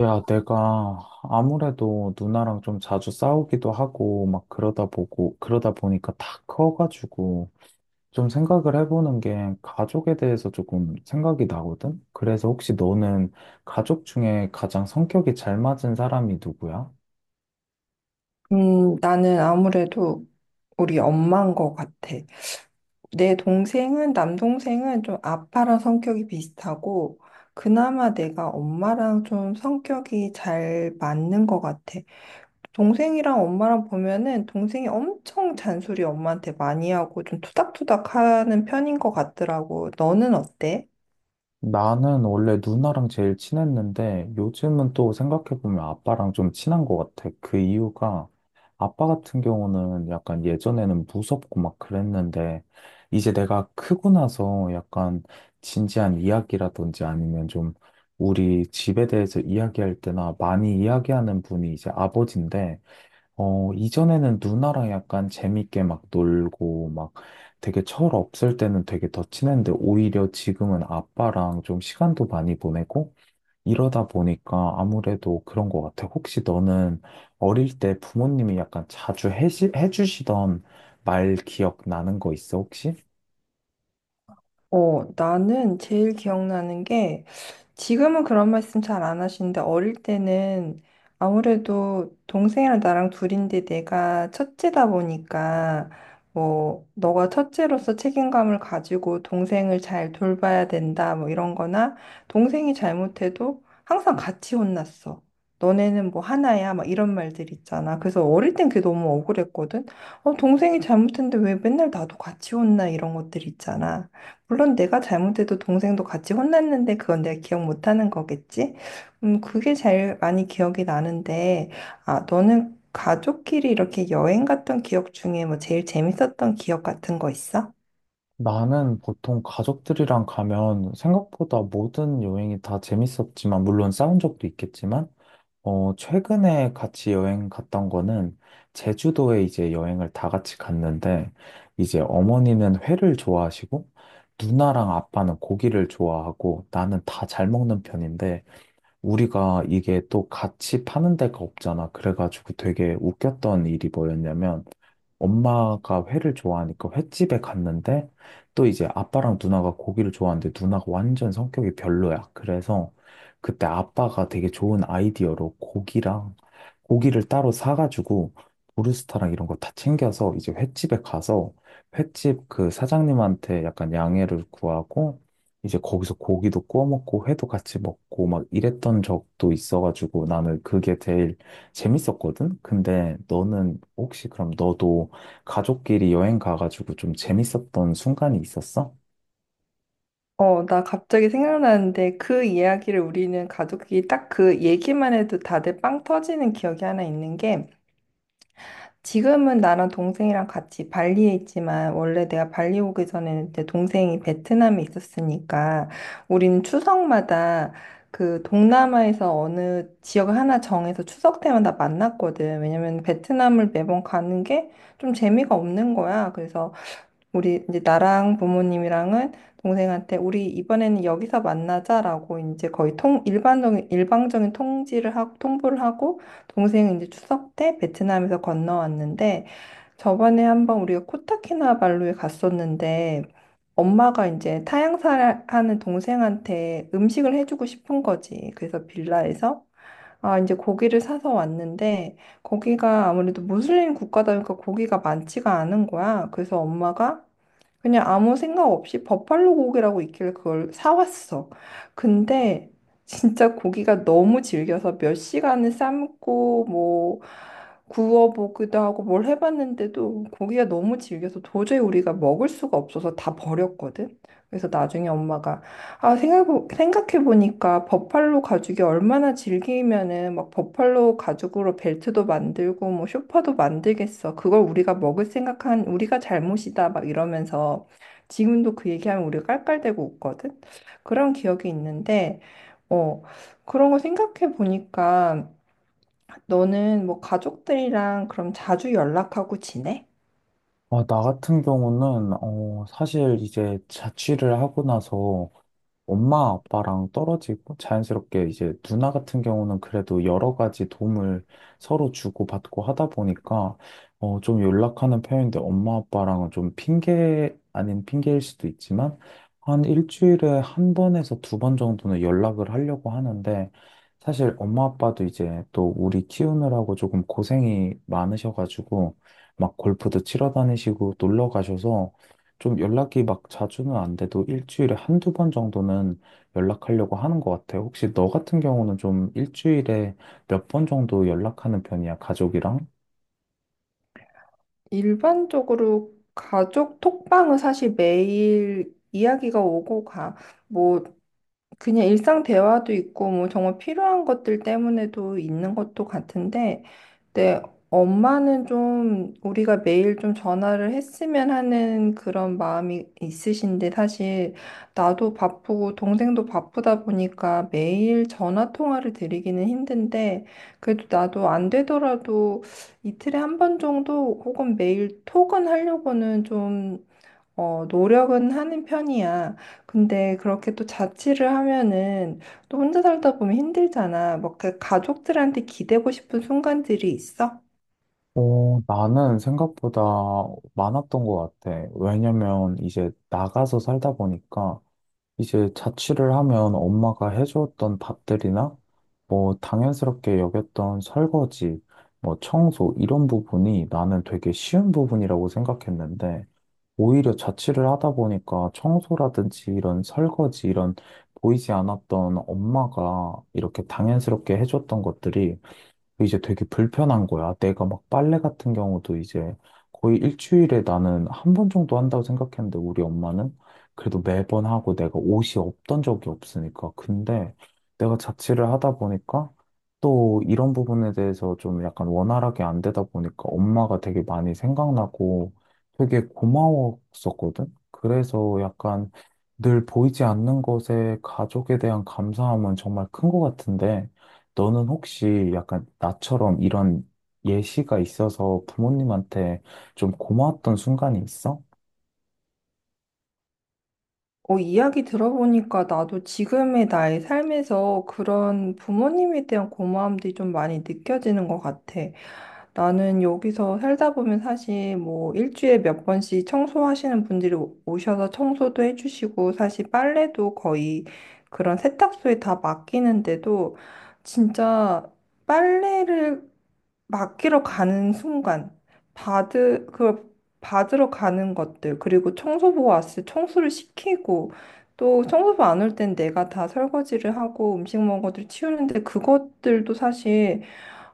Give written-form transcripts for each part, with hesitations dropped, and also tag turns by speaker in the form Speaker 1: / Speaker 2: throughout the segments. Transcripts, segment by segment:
Speaker 1: 야, 내가 아무래도 누나랑 좀 자주 싸우기도 하고, 막 그러다 보니까 다 커가지고, 좀 생각을 해보는 게 가족에 대해서 조금 생각이 나거든? 그래서 혹시 너는 가족 중에 가장 성격이 잘 맞은 사람이 누구야?
Speaker 2: 나는 아무래도 우리 엄마인 것 같아. 남동생은 좀 아빠랑 성격이 비슷하고, 그나마 내가 엄마랑 좀 성격이 잘 맞는 것 같아. 동생이랑 엄마랑 보면은 동생이 엄청 잔소리 엄마한테 많이 하고 좀 투닥투닥 하는 편인 것 같더라고. 너는 어때?
Speaker 1: 나는 원래 누나랑 제일 친했는데 요즘은 또 생각해보면 아빠랑 좀 친한 것 같아. 그 이유가 아빠 같은 경우는 약간 예전에는 무섭고 막 그랬는데 이제 내가 크고 나서 약간 진지한 이야기라든지 아니면 좀 우리 집에 대해서 이야기할 때나 많이 이야기하는 분이 이제 아버지인데, 이전에는 누나랑 약간 재밌게 막 놀고, 막 되게 철 없을 때는 되게 더 친했는데, 오히려 지금은 아빠랑 좀 시간도 많이 보내고, 이러다 보니까 아무래도 그런 것 같아. 혹시 너는 어릴 때 부모님이 약간 자주 해주시던 말 기억 나는 거 있어, 혹시?
Speaker 2: 어, 나는 제일 기억나는 게, 지금은 그런 말씀 잘 안 하시는데, 어릴 때는 아무래도 동생이랑 나랑 둘인데 내가 첫째다 보니까, 뭐, 너가 첫째로서 책임감을 가지고 동생을 잘 돌봐야 된다, 뭐 이런 거나, 동생이 잘못해도 항상 같이 혼났어. 너네는 뭐 하나야, 막 이런 말들 있잖아. 그래서 어릴 땐 그게 너무 억울했거든. 어, 동생이 잘못했는데 왜 맨날 나도 같이 혼나, 이런 것들 있잖아. 물론 내가 잘못해도 동생도 같이 혼났는데 그건 내가 기억 못하는 거겠지? 그게 제일 많이 기억이 나는데, 아, 너는 가족끼리 이렇게 여행 갔던 기억 중에 뭐 제일 재밌었던 기억 같은 거 있어?
Speaker 1: 나는 보통 가족들이랑 가면 생각보다 모든 여행이 다 재밌었지만, 물론 싸운 적도 있겠지만, 최근에 같이 여행 갔던 거는 제주도에 이제 여행을 다 같이 갔는데, 이제 어머니는 회를 좋아하시고 누나랑 아빠는 고기를 좋아하고 나는 다 잘 먹는 편인데, 우리가 이게 또 같이 파는 데가 없잖아. 그래가지고 되게 웃겼던 일이 뭐였냐면, 엄마가 회를 좋아하니까 횟집에 갔는데 또 이제 아빠랑 누나가 고기를 좋아하는데 누나가 완전 성격이 별로야. 그래서 그때 아빠가 되게 좋은 아이디어로 고기랑 고기를 따로 사가지고 브루스타랑 이런 거 다 챙겨서 이제 횟집에 가서 횟집 그 사장님한테 약간 양해를 구하고 이제 거기서 고기도 구워 먹고 회도 같이 먹고 막 이랬던 적도 있어가지고, 나는 그게 제일 재밌었거든? 근데 너는 혹시 그럼 너도 가족끼리 여행 가가지고 좀 재밌었던 순간이 있었어?
Speaker 2: 어, 나 갑자기 생각나는데, 그 이야기를 우리는 가족끼리 딱 그 얘기만 해도 다들 빵 터지는 기억이 하나 있는 게, 지금은 나랑 동생이랑 같이 발리에 있지만 원래 내가 발리 오기 전에는 내 동생이 베트남에 있었으니까 우리는 추석마다 그 동남아에서 어느 지역을 하나 정해서 추석 때마다 만났거든. 왜냐면 베트남을 매번 가는 게 좀 재미가 없는 거야. 그래서 우리 이제 나랑 부모님이랑은 동생한테 우리 이번에는 여기서 만나자라고 이제 거의 통 일반적인 일방적인 통지를 하고 통보를 하고, 동생은 이제 추석 때 베트남에서 건너왔는데, 저번에 한번 우리가 코타키나발루에 갔었는데, 엄마가 이제 타향사를 하는 동생한테 음식을 해주고 싶은 거지. 그래서 빌라에서 아 이제 고기를 사서 왔는데, 거기가 아무래도 무슬림 국가다 보니까 고기가 많지가 않은 거야. 그래서 엄마가 그냥 아무 생각 없이 버팔로 고기라고 있길래 그걸 사왔어. 근데 진짜 고기가 너무 질겨서 몇 시간을 삶고 뭐 구워보기도 하고 뭘 해봤는데도, 고기가 너무 질겨서 도저히 우리가 먹을 수가 없어서 다 버렸거든. 그래서 나중에 엄마가, 아, 생각해보니까 버팔로 가죽이 얼마나 질기면은 막 버팔로 가죽으로 벨트도 만들고 뭐 쇼파도 만들겠어, 그걸 우리가 먹을 생각한 우리가 잘못이다, 막 이러면서, 지금도 그 얘기하면 우리가 깔깔대고 웃거든. 그런 기억이 있는데, 어, 그런 거 생각해보니까 너는 뭐 가족들이랑 그럼 자주 연락하고 지내?
Speaker 1: 아, 나 같은 경우는, 사실 이제 자취를 하고 나서 엄마, 아빠랑 떨어지고 자연스럽게 이제 누나 같은 경우는 그래도 여러 가지 도움을 서로 주고받고 하다 보니까 좀 연락하는 편인데, 엄마, 아빠랑은 좀 핑계 아닌 핑계일 수도 있지만 한 일주일에 한 번에서 두 번 정도는 연락을 하려고 하는데, 사실 엄마, 아빠도 이제 또 우리 키우느라고 조금 고생이 많으셔가지고 막 골프도 치러 다니시고 놀러 가셔서 좀 연락이 막 자주는 안 돼도 일주일에 한두 번 정도는 연락하려고 하는 것 같아요. 혹시 너 같은 경우는 좀 일주일에 몇 번 정도 연락하는 편이야, 가족이랑?
Speaker 2: 일반적으로 가족 톡방은 사실 매일 이야기가 오고 가. 뭐 그냥 일상 대화도 있고 뭐 정말 필요한 것들 때문에도 있는 것도 같은데, 내 엄마는 좀 우리가 매일 좀 전화를 했으면 하는 그런 마음이 있으신데, 사실 나도 바쁘고 동생도 바쁘다 보니까 매일 전화 통화를 드리기는 힘든데, 그래도 나도 안 되더라도 이틀에 한 번 정도 혹은 매일 톡은 하려고는 좀, 어, 노력은 하는 편이야. 근데 그렇게 또 자취를 하면은 또 혼자 살다 보면 힘들잖아. 막 그 가족들한테 기대고 싶은 순간들이 있어?
Speaker 1: 나는 생각보다 많았던 것 같아. 왜냐면 이제 나가서 살다 보니까 이제 자취를 하면 엄마가 해줬던 밥들이나 뭐 당연스럽게 여겼던 설거지, 뭐 청소 이런 부분이 나는 되게 쉬운 부분이라고 생각했는데, 오히려 자취를 하다 보니까 청소라든지 이런 설거지 이런 보이지 않았던 엄마가 이렇게 당연스럽게 해줬던 것들이 이제 되게 불편한 거야. 내가 막 빨래 같은 경우도 이제 거의 일주일에 나는 한 번 정도 한다고 생각했는데 우리 엄마는 그래도 매번 하고 내가 옷이 없던 적이 없으니까. 근데 내가 자취를 하다 보니까 또 이런 부분에 대해서 좀 약간 원활하게 안 되다 보니까 엄마가 되게 많이 생각나고 되게 고마웠었거든. 그래서 약간 늘 보이지 않는 것에 가족에 대한 감사함은 정말 큰 것 같은데, 너는 혹시 약간 나처럼 이런 예시가 있어서 부모님한테 좀 고마웠던 순간이 있어?
Speaker 2: 어, 이야기 들어보니까 나도 지금의 나의 삶에서 그런 부모님에 대한 고마움들이 좀 많이 느껴지는 것 같아. 나는 여기서 살다 보면 사실 뭐 일주일에 몇 번씩 청소하시는 분들이 오셔서 청소도 해주시고, 사실 빨래도 거의 그런 세탁소에 다 맡기는데도, 진짜 빨래를 맡기러 가는 순간 받으 그걸 받으러 가는 것들, 그리고 청소부 왔을 때 청소를 시키고, 또 청소부 안 올 땐 내가 다 설거지를 하고 음식 먹은 것들 치우는데, 그것들도 사실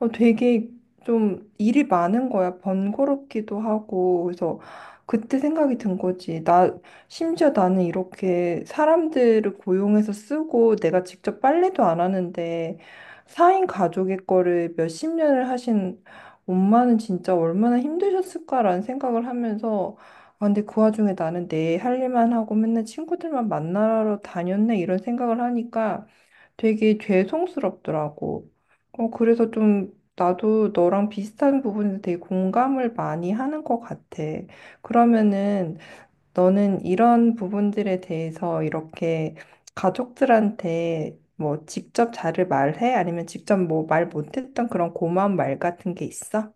Speaker 2: 어, 되게 좀 일이 많은 거야. 번거롭기도 하고. 그래서 그때 생각이 든 거지. 심지어 나는 이렇게 사람들을 고용해서 쓰고 내가 직접 빨래도 안 하는데, 4인 가족의 거를 몇 십 년을 하신 엄마는 진짜 얼마나 힘드셨을까라는 생각을 하면서, 아, 근데 그 와중에 나는 내 할 일만 하고 맨날 친구들만 만나러 다녔네, 이런 생각을 하니까 되게 죄송스럽더라고. 어, 그래서 좀 나도 너랑 비슷한 부분에 되게 공감을 많이 하는 것 같아. 그러면은 너는 이런 부분들에 대해서 이렇게 가족들한테 뭐 직접 잘을 말해? 아니면 직접 뭐 말 못했던 그런 고마운 말 같은 게 있어?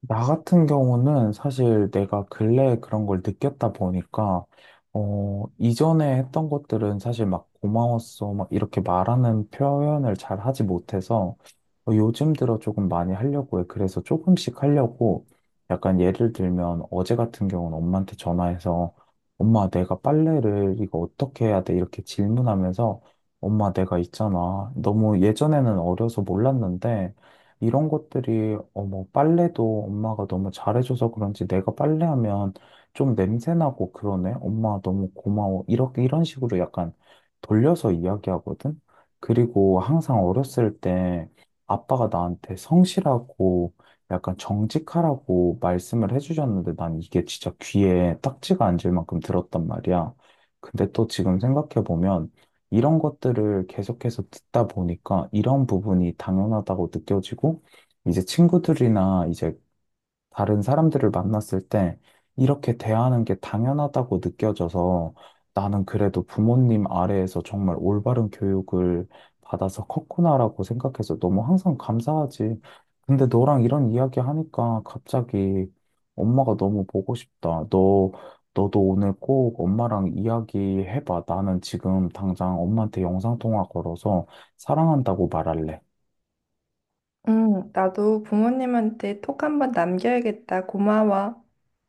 Speaker 1: 나 같은 경우는 사실 내가 근래에 그런 걸 느꼈다 보니까, 이전에 했던 것들은 사실 막 고마웠어, 막 이렇게 말하는 표현을 잘 하지 못해서, 요즘 들어 조금 많이 하려고 해. 그래서 조금씩 하려고 약간 예를 들면, 어제 같은 경우는 엄마한테 전화해서 엄마 내가 빨래를 이거 어떻게 해야 돼? 이렇게 질문하면서, 엄마 내가 있잖아, 너무 예전에는 어려서 몰랐는데 이런 것들이 뭐 빨래도 엄마가 너무 잘해줘서 그런지 내가 빨래하면 좀 냄새나고 그러네. 엄마 너무 고마워. 이렇게 이런 식으로 약간 돌려서 이야기하거든. 그리고 항상 어렸을 때 아빠가 나한테 성실하고 약간 정직하라고 말씀을 해주셨는데, 난 이게 진짜 귀에 딱지가 앉을 만큼 들었단 말이야. 근데 또 지금 생각해보면 이런 것들을 계속해서 듣다 보니까 이런 부분이 당연하다고 느껴지고, 이제 친구들이나 이제 다른 사람들을 만났을 때 이렇게 대하는 게 당연하다고 느껴져서, 나는 그래도 부모님 아래에서 정말 올바른 교육을 받아서 컸구나라고 생각해서 너무 항상 감사하지. 근데 너랑 이런 이야기 하니까 갑자기 엄마가 너무 보고 싶다. 너도 오늘 꼭 엄마랑 이야기해봐. 나는 지금 당장 엄마한테 영상통화 걸어서 사랑한다고 말할래.
Speaker 2: 응, 나도 부모님한테 톡 한번 남겨야겠다. 고마워.